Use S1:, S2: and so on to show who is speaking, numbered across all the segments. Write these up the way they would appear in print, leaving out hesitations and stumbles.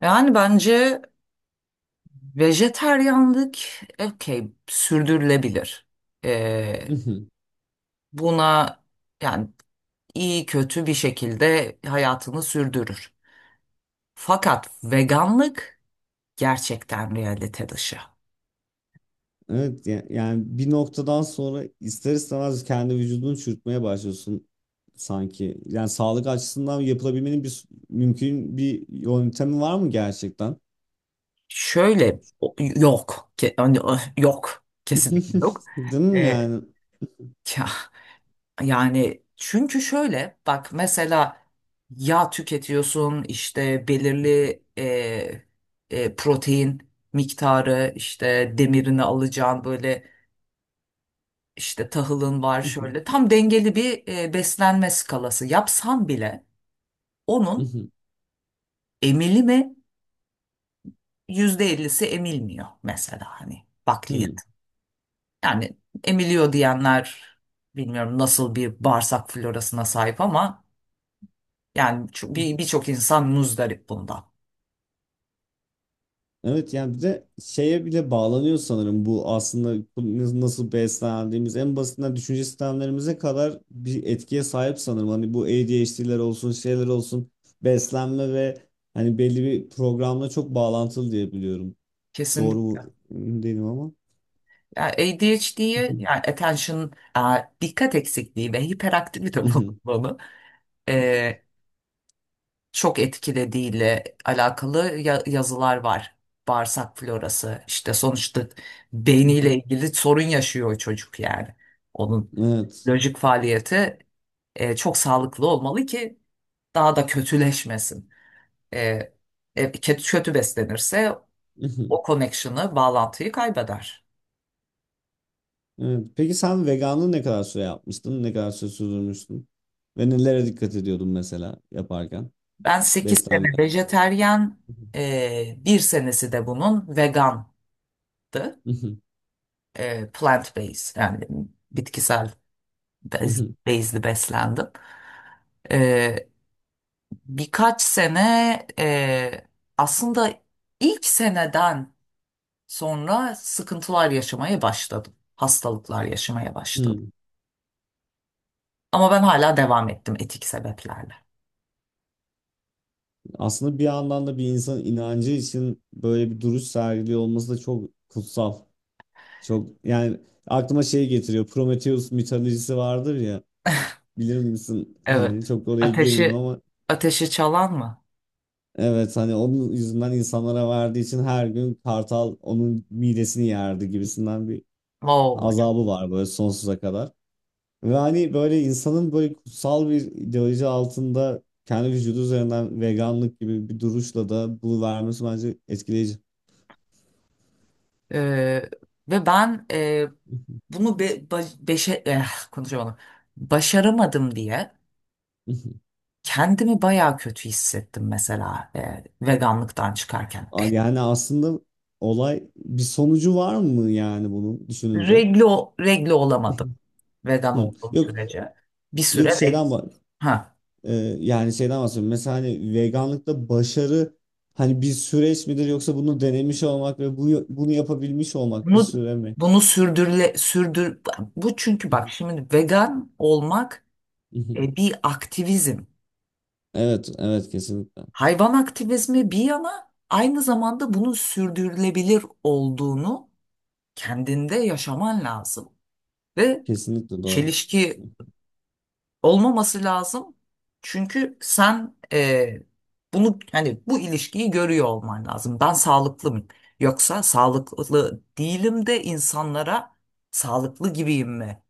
S1: Yani bence vejeteryanlık okey sürdürülebilir. Ee,
S2: Hı hı.
S1: Buna yani iyi kötü bir şekilde hayatını sürdürür. Fakat veganlık gerçekten realite dışı.
S2: Evet yani bir noktadan sonra ister istemez kendi vücudunu çürütmeye başlıyorsun sanki. Yani sağlık açısından yapılabilmenin bir mümkün bir yöntemi var mı gerçekten?
S1: Şöyle yok. Hani, yok. Kesinlikle yok.
S2: Değil mi
S1: Ee,
S2: yani?
S1: ya, Yani çünkü şöyle bak mesela yağ tüketiyorsun işte belirli protein miktarı işte demirini alacağın böyle işte tahılın var şöyle tam dengeli bir beslenme skalası yapsan bile
S2: Hı
S1: onun
S2: hı.
S1: emili mi, yüzde ellisi emilmiyor mesela, hani
S2: Hı hı.
S1: bakliyat. Yani emiliyor diyenler bilmiyorum nasıl bir bağırsak florasına sahip, ama yani
S2: Hı.
S1: birçok insan muzdarip bundan.
S2: Evet, yani bir de şeye bile bağlanıyor sanırım bu, aslında bu nasıl beslendiğimiz en basitinden düşünce sistemlerimize kadar bir etkiye sahip sanırım. Hani bu ADHD'ler olsun, şeyler olsun, beslenme ve hani belli bir programla çok bağlantılı diye biliyorum. Doğru
S1: Kesin,
S2: mu emin değilim ama.
S1: yani ADHD'ye, yani attention, e, dikkat eksikliği ve hiperaktivite, bunu e, çok etkilediğiyle alakalı yazılar var. Bağırsak florası işte, sonuçta beyniyle ilgili sorun yaşıyor çocuk yani. Onun
S2: Evet.
S1: lojik faaliyeti çok sağlıklı olmalı ki daha da kötüleşmesin. E, kötü beslenirse o connection'ı, bağlantıyı kaybeder.
S2: Evet. Peki sen veganlığı ne kadar süre yapmıştın? Ne kadar süre sürdürmüştün? Ve nelere dikkat ediyordun mesela yaparken?
S1: Ben 8
S2: Beslenme.
S1: sene vejeteryan, bir senesi de bunun vegandı. Plant based, yani bitkisel,
S2: Hı. Hı.
S1: bezli beslendim. E, Birkaç sene e, aslında ilk seneden sonra sıkıntılar yaşamaya başladım. Hastalıklar yaşamaya başladım.
S2: Hı.
S1: Ama ben hala devam ettim etik sebeplerle.
S2: Aslında bir yandan da bir insanın inancı için böyle bir duruş sergiliyor olması da çok kutsal. Çok, yani aklıma şey getiriyor. Prometheus mitolojisi vardır ya. Bilir misin? Hani
S1: Evet.
S2: çok oraya girmeyeyim
S1: Ateşi,
S2: ama
S1: ateşi çalan mı?
S2: evet, hani onun yüzünden insanlara verdiği için her gün kartal onun midesini yerdi gibisinden bir
S1: Wow.
S2: azabı var böyle sonsuza kadar. Ve hani böyle insanın böyle kutsal bir ideoloji altında kendi vücudu üzerinden veganlık gibi bir duruşla da bunu vermesi bence etkileyici.
S1: Ee, Ve ben bunu be, ba- beşe, eh, konuşamadım. Başaramadım diye kendimi bayağı kötü hissettim mesela, veganlıktan çıkarken.
S2: Yani aslında olay, bir sonucu var mı yani bunun düşününce?
S1: Reglo olamadım vegan
S2: Hı.
S1: olduğum
S2: Yok,
S1: sürece. Bir süre
S2: yok,
S1: reg-
S2: şeyden bak,
S1: ha,
S2: yani şeyden bahsediyorum. Mesela hani veganlıkta başarı hani bir süreç midir, yoksa bunu denemiş olmak ve bunu yapabilmiş olmak bir
S1: bunu
S2: süre mi?
S1: bunu sürdür, bu çünkü bak şimdi vegan olmak bir aktivizm.
S2: Evet, evet, kesinlikle.
S1: Hayvan aktivizmi bir yana, aynı zamanda bunun sürdürülebilir olduğunu kendinde yaşaman lazım ve
S2: Kesinlikle doğru.
S1: çelişki olmaması lazım. Çünkü sen bunu, hani bu ilişkiyi görüyor olman lazım. Ben sağlıklı mıyım? Yoksa sağlıklı değilim de insanlara sağlıklı gibiyim mi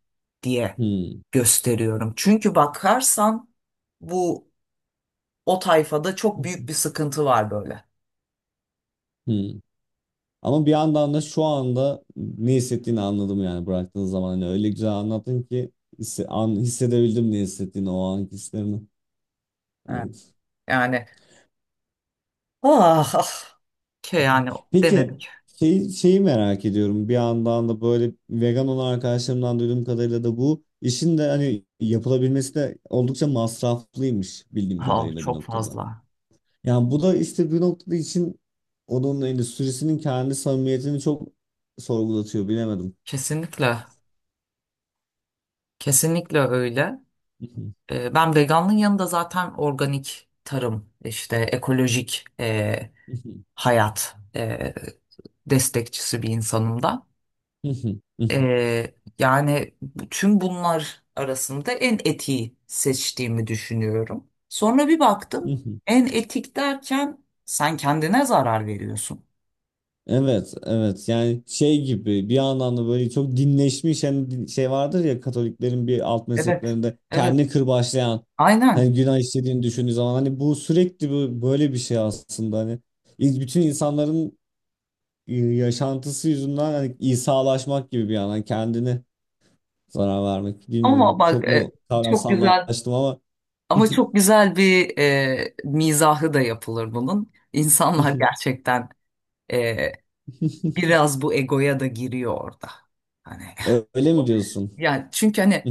S1: diye
S2: Hı.
S1: gösteriyorum. Çünkü bakarsan bu, o tayfada çok büyük bir sıkıntı var böyle.
S2: Hmm. Ama bir yandan da şu anda ne hissettiğini anladım, yani bıraktığın zaman hani öyle güzel anlattın ki hissedebildim ne hissettiğini, o anki hislerini.
S1: Evet.
S2: Evet.
S1: Yani ah, ah, şey, yani
S2: Peki
S1: denedik.
S2: şeyi merak ediyorum bir yandan da, böyle vegan olan arkadaşlarımdan duyduğum kadarıyla da bu işin de hani yapılabilmesi de oldukça masraflıymış bildiğim
S1: Ah,
S2: kadarıyla bir
S1: çok
S2: noktada.
S1: fazla.
S2: Yani bu da işte bir noktada için onun endüstrisinin kendi samimiyetini çok sorgulatıyor, bilemedim.
S1: Kesinlikle. Kesinlikle öyle. Ben veganlığın yanında zaten organik tarım, işte ekolojik hayat destekçisi bir insanım da.
S2: Hı hı, hı hı,
S1: Ee, Yani tüm bunlar arasında en etiği seçtiğimi düşünüyorum. Sonra bir
S2: hı
S1: baktım,
S2: hı.
S1: en etik derken sen kendine zarar veriyorsun.
S2: Evet, evet. Yani şey gibi bir yandan da böyle çok dinleşmiş hani şey vardır ya, Katoliklerin bir alt
S1: Evet,
S2: mezheplerinde
S1: evet,
S2: kendi kırbaçlayan, hani
S1: aynen.
S2: günah işlediğini düşündüğü zaman hani bu sürekli böyle bir şey aslında hani bütün insanların yaşantısı yüzünden hani İsa'laşmak gibi bir yandan kendini zarar vermek.
S1: Ama
S2: Bilmiyorum,
S1: bak
S2: çok mu
S1: çok güzel.
S2: kavramsallaştım ama
S1: Ama çok güzel bir mizahı da yapılır bunun. İnsanlar gerçekten e, biraz bu egoya da giriyor orada. Hani
S2: öyle mi diyorsun?
S1: yani çünkü hani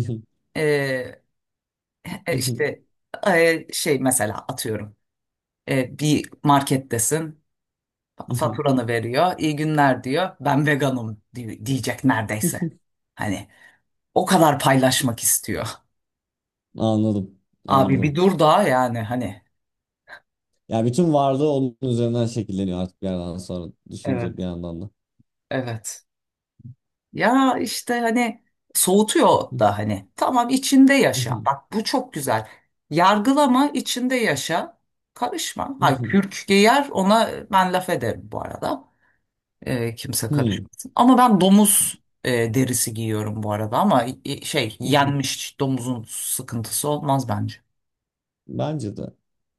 S1: e, işte şey, mesela atıyorum bir markettesin, faturanı veriyor, iyi günler diyor, ben veganım diyecek neredeyse. Hani o kadar paylaşmak istiyor.
S2: Anladım.
S1: Abi bir
S2: Anladım.
S1: dur da, yani hani.
S2: Yani bütün varlığı onun üzerinden şekilleniyor artık bir yerden sonra düşünce bir
S1: Evet.
S2: yandan da.
S1: Evet. Ya işte hani soğutuyor da. Hani tamam, içinde yaşa. Bak bu çok güzel. Yargılama, içinde yaşa. Karışma. Ha, kürk giyer, ona ben laf ederim bu arada. Kimse karışmasın. Ama ben domuz derisi giyiyorum bu arada, ama şey, yenmiş domuzun sıkıntısı olmaz bence.
S2: Bence de.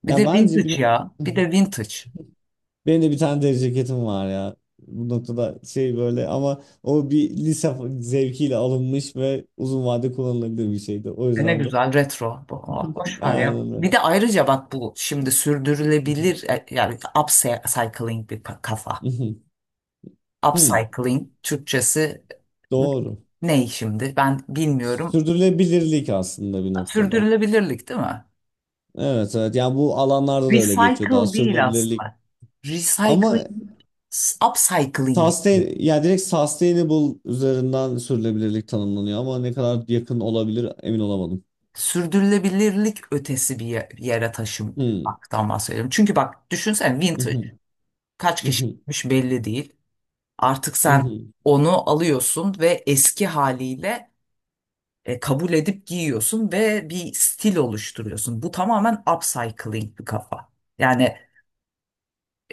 S1: Bir
S2: Ya
S1: de
S2: bence bir
S1: vintage ya. Bir de vintage.
S2: benim de bir tane deri ceketim var ya. Bu noktada şey, böyle ama o bir lise zevkiyle alınmış ve uzun vade kullanılabilir bir şeydi. O
S1: E ne
S2: yüzden de.
S1: güzel retro. Aa, boş ver ya.
S2: Aynen öyle.
S1: Bir de ayrıca bak, bu şimdi sürdürülebilir yani upcycling bir kafa. Upcycling Türkçesi
S2: Doğru.
S1: ne şimdi? Ben bilmiyorum.
S2: Sürdürülebilirlik aslında bir noktada.
S1: Sürdürülebilirlik değil mi?
S2: Evet, evet, yani bu alanlarda da öyle geçiyor, daha
S1: Recycle değil
S2: sürdürülebilirlik
S1: aslında.
S2: ama
S1: Recycling, upcycling yapıyor.
S2: sustain, yani direkt sustainable üzerinden sürdürülebilirlik tanımlanıyor ama ne kadar yakın olabilir emin olamadım.
S1: Sürdürülebilirlik ötesi bir yere
S2: Hmm.
S1: taşımaktan bahsediyorum. Çünkü bak düşünsene, vintage
S2: Mhm,
S1: kaç kişi
S2: mhm,
S1: gitmiş belli değil. Artık sen
S2: mhm.
S1: onu alıyorsun ve eski haliyle kabul edip giyiyorsun ve bir stil oluşturuyorsun. Bu tamamen upcycling bir kafa. Yani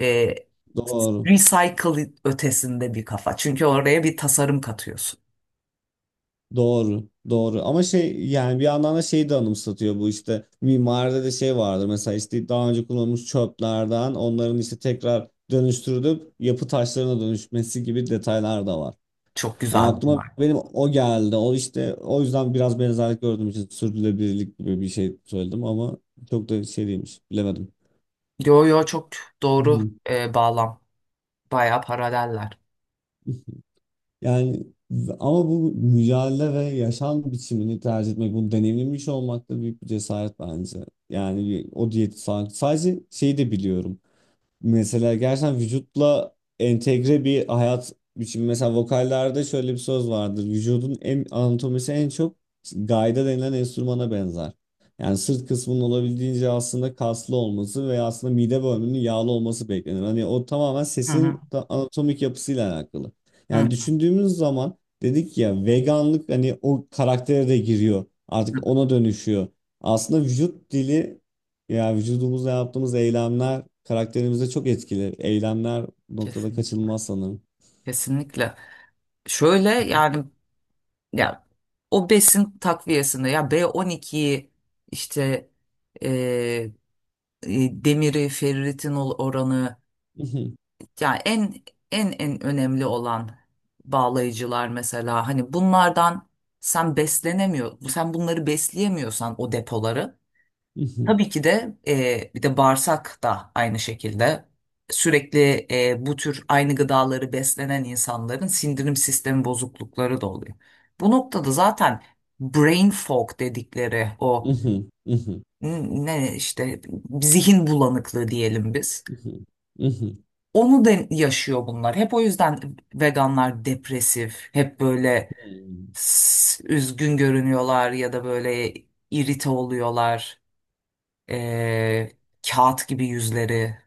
S1: e,
S2: Doğru.
S1: recycle ötesinde bir kafa. Çünkü oraya bir tasarım katıyorsun.
S2: Doğru. Doğru. Ama şey, yani bir yandan da şeyi de anımsatıyor bu, işte mimaride de şey vardır mesela, işte daha önce kullanılmış çöplerden onların işte tekrar dönüştürülüp yapı taşlarına dönüşmesi gibi detaylar da var.
S1: Çok
S2: Yani
S1: güzel
S2: aklıma
S1: bunlar.
S2: benim o geldi. O işte, o yüzden biraz benzerlik gördüğüm için sürdürülebilirlik gibi bir şey söyledim ama çok da şey değilmiş. Bilemedim.
S1: Yo yo, çok
S2: Hı
S1: doğru
S2: hı.
S1: bağlam. Bayağı paraleller.
S2: Yani ama bu mücadele ve yaşam biçimini tercih etmek, bunu deneyimlemiş olmak da büyük bir cesaret bence. Yani o diyeti sadece şeyi de biliyorum. Mesela gerçekten vücutla entegre bir hayat biçimi. Mesela vokallerde şöyle bir söz vardır. Vücudun en, anatomisi en çok gayda denilen enstrümana benzer. Yani sırt kısmının olabildiğince aslında kaslı olması veya aslında mide bölümünün yağlı olması beklenir. Hani o tamamen
S1: Hı hı.
S2: sesin anatomik yapısıyla alakalı.
S1: Hı
S2: Yani
S1: hı.
S2: düşündüğümüz zaman dedik ya, veganlık hani o karaktere de giriyor. Artık ona dönüşüyor. Aslında vücut dili, ya vücudumuzla yaptığımız eylemler karakterimize çok etkili. Eylemler bu noktada
S1: Kesinlikle.
S2: kaçınılmaz sanırım.
S1: Kesinlikle. Şöyle yani, ya o besin takviyesinde, ya B12'yi işte e, demiri, ferritin oranı, yani en en önemli olan bağlayıcılar mesela, hani bunlardan sen beslenemiyor, sen bunları besleyemiyorsan o depoları. Tabii ki de bir de bağırsak da aynı şekilde, sürekli bu tür aynı gıdaları beslenen insanların sindirim sistemi bozuklukları da oluyor. Bu noktada zaten brain fog dedikleri, o n- ne işte zihin bulanıklığı diyelim biz. Onu da yaşıyor bunlar. Hep o yüzden veganlar depresif, hep böyle üzgün görünüyorlar, ya da böyle irite oluyorlar. E, Kağıt gibi yüzleri.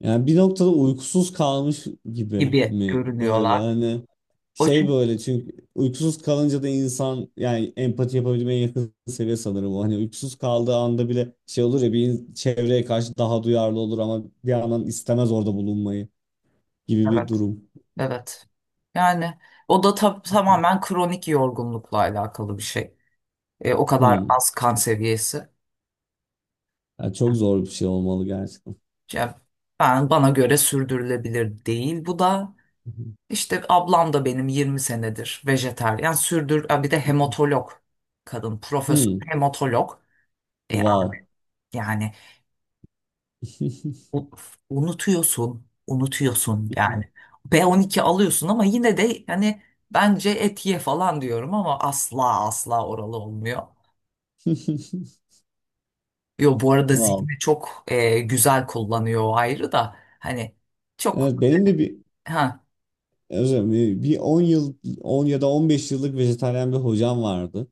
S2: Yani bir noktada uykusuz kalmış gibi
S1: Gibi
S2: mi böyle,
S1: görünüyorlar.
S2: hani
S1: O
S2: şey
S1: çünkü
S2: böyle, çünkü uykusuz kalınca da insan yani empati yapabilmeye yakın seviye sanırım o. Hani uykusuz kaldığı anda bile şey olur ya, bir çevreye karşı daha duyarlı olur ama bir yandan istemez orada bulunmayı gibi bir
S1: evet,
S2: durum.
S1: evet. Yani o da tamamen kronik yorgunlukla alakalı bir şey. O kadar az kan seviyesi.
S2: Ya çok zor bir şey olmalı gerçekten.
S1: Yani ben, bana göre sürdürülebilir değil. Bu da işte, ablam da benim 20 senedir vejetaryen sürdür. Ha, bir de hematolog kadın, profesör
S2: Hmm.
S1: hematolog. E,
S2: Wow.
S1: Yani U- unutuyorsun yani. B12 alıyorsun ama yine de hani, bence et ye falan diyorum ama asla asla oralı olmuyor. Yo, bu arada
S2: Wow.
S1: zihni çok güzel kullanıyor, o ayrı da hani çok.
S2: Evet, benim de bir
S1: Ha,
S2: özür dilerim, bir 10 yıl, 10 ya da 15 yıllık vejetaryen bir hocam vardı.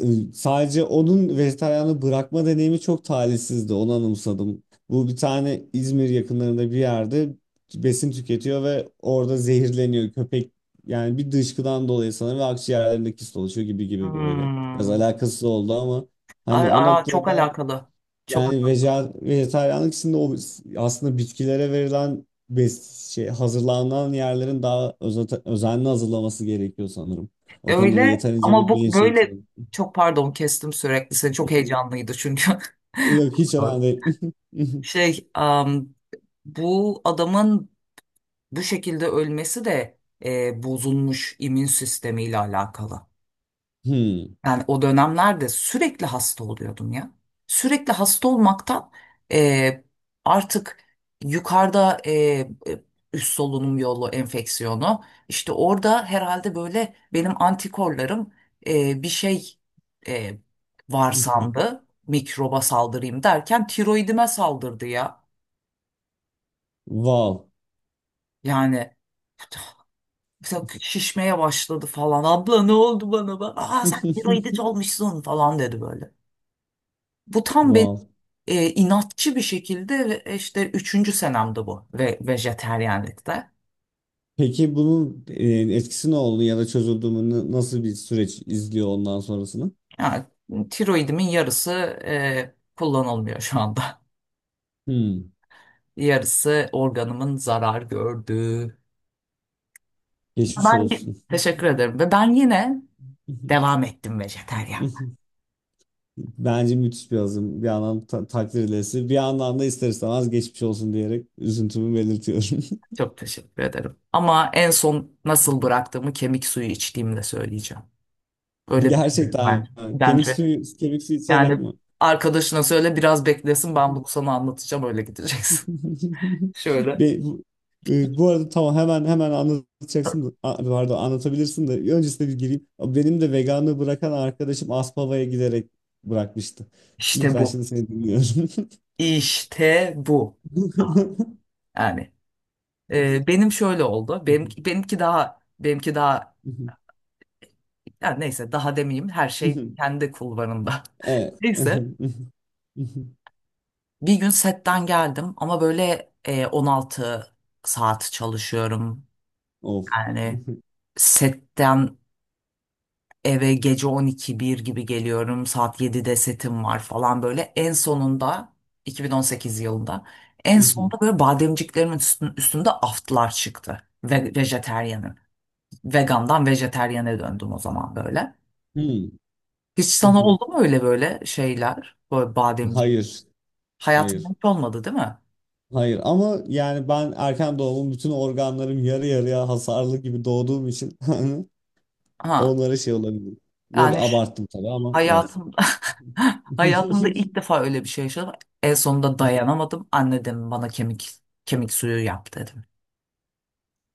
S2: Sadece onun vejetaryenliği bırakma deneyimi çok talihsizdi. Onu anımsadım. Bu, bir tane İzmir yakınlarında bir yerde besin tüketiyor ve orada zehirleniyor köpek. Yani bir dışkıdan dolayı sanırım ve akciğerlerinde kist oluşuyor gibi gibi böyle. Biraz
S1: hmm.
S2: alakasız oldu ama
S1: Aa,
S2: hani o
S1: aa, çok
S2: noktada,
S1: alakalı.
S2: yani
S1: Çok
S2: veje, vejetaryenlik içinde o, aslında bitkilere verilen hazırlanan yerlerin daha özenli hazırlaması gerekiyor sanırım. O konuda da
S1: öyle.
S2: yeterince
S1: Ama
S2: bir
S1: bu
S2: bilinç yok
S1: böyle,
S2: sanırım.
S1: çok pardon kestim sürekli seni, çok heyecanlıydı çünkü.
S2: Yok, hiç önemli değil.
S1: Şey, bu adamın bu şekilde ölmesi de bozulmuş immün sistemiyle alakalı.
S2: Hmm.
S1: Yani o dönemlerde sürekli hasta oluyordum ya. Sürekli hasta olmaktan e, artık yukarıda üst solunum yolu enfeksiyonu işte, orada herhalde böyle benim antikorlarım bir şey e, var sandı. Mikroba saldırayım derken tiroidime saldırdı ya.
S2: Wow.
S1: Yani mesela şişmeye başladı falan. Abla ne oldu bana? Aa sen tiroidit olmuşsun falan dedi böyle. Bu tam benim
S2: Wow.
S1: inatçı bir şekilde ve işte üçüncü senemde bu, ve vejeteryanlıkta.
S2: Peki bunun etkisi ne oldu ya da çözüldü mü? Nasıl bir süreç izliyor ondan sonrasını?
S1: Yani, tiroidimin yarısı kullanılmıyor şu anda.
S2: Hmm.
S1: Yarısı organımın zarar gördüğü.
S2: Geçmiş
S1: Ben
S2: olsun.
S1: teşekkür ederim ve ben yine devam ettim vejeteryan.
S2: Bence müthiş bir azım. Bir yandan ta takdir edilesi, bir yandan da ister istemez geçmiş olsun diyerek üzüntümü belirtiyorum.
S1: Çok teşekkür ederim. Ama en son nasıl bıraktığımı kemik suyu içtiğimde söyleyeceğim. Öyle bitirir
S2: Gerçekten
S1: bence.
S2: kemik
S1: Bence.
S2: suyu kemik suyu içerek
S1: Yani
S2: mi?
S1: arkadaşına söyle biraz beklesin, ben bunu sana anlatacağım öyle gideceksin. Şöyle.
S2: Bu, bu arada tamam, hemen hemen anlatacaksın da pardon, anlatabilirsin de öncesinde bir gireyim. Benim de veganlığı bırakan arkadaşım Aspava'ya giderek bırakmıştı.
S1: İşte
S2: Lütfen,
S1: bu.
S2: şimdi seni dinliyorum.
S1: İşte bu. Yani benim şöyle oldu. Benimki daha, yani neyse, daha demeyeyim, her şey kendi kulvarında.
S2: Evet.
S1: Neyse, bir gün setten geldim ama böyle, 16 saat çalışıyorum.
S2: Of.
S1: Yani setten eve gece 12 bir gibi geliyorum. Saat 7'de setim var falan böyle. En sonunda 2018 yılında, en sonunda böyle bademciklerimin üstünde aftlar çıktı. Ve vejeteryanım. Vegandan vejetaryene döndüm o zaman böyle.
S2: Hmm.
S1: Hiç sana oldu mu öyle böyle şeyler? Böyle bademci.
S2: Hayır.
S1: Hayatında
S2: Hayır.
S1: hiç olmadı değil mi?
S2: Hayır ama yani ben erken doğumum, bütün organlarım yarı yarıya hasarlı gibi doğduğum için
S1: Ha,
S2: onlara şey olabilir. Bu arada
S1: yani ş-
S2: abarttım tabii ama evet.
S1: hayatımda hayatımda ilk defa öyle bir şey yaşadım. En sonunda dayanamadım. Anne dedim, bana kemik suyu yap dedi.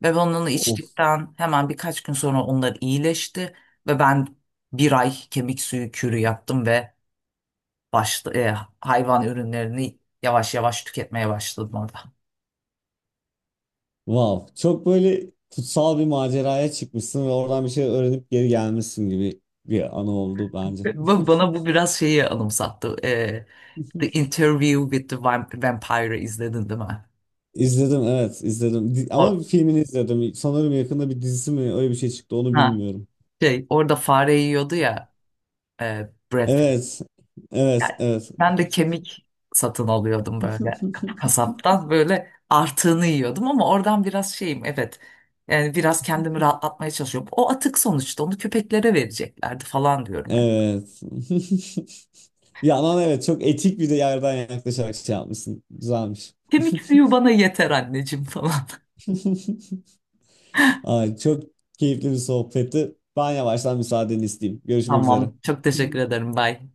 S1: Ve ben onu
S2: Of,
S1: içtikten hemen birkaç gün sonra onlar iyileşti ve ben bir ay kemik suyu kürü yaptım ve başla, e, hayvan ürünlerini yavaş yavaş tüketmeye başladım orada.
S2: wow. Çok böyle kutsal bir maceraya çıkmışsın ve oradan bir şey öğrenip geri gelmişsin gibi bir anı oldu bence.
S1: Bana bu biraz şeyi anımsattı. The Interview with the Vampire izledin değil mi?
S2: İzledim, evet, izledim. Ama
S1: O,
S2: bir filmini izledim. Sanırım yakında bir dizisi mi öyle bir şey çıktı onu
S1: ha,
S2: bilmiyorum.
S1: şey, orada fare yiyordu ya, Brad.
S2: Evet.
S1: Yani
S2: Evet, evet.
S1: ben de kemik satın alıyordum böyle, kasaptan böyle artığını yiyordum ama oradan biraz şeyim, evet yani biraz kendimi rahatlatmaya çalışıyorum. O atık sonuçta, onu köpeklere vereceklerdi falan diyorum hani.
S2: Evet. Bir yandan evet, çok etik bir de yerden yaklaşarak şey yapmışsın. Güzelmiş.
S1: Kemik suyu bana yeter anneciğim falan.
S2: Ay, çok keyifli bir sohbetti. Ben yavaştan müsaadeni isteyeyim. Görüşmek üzere.
S1: Tamam çok teşekkür ederim, bye.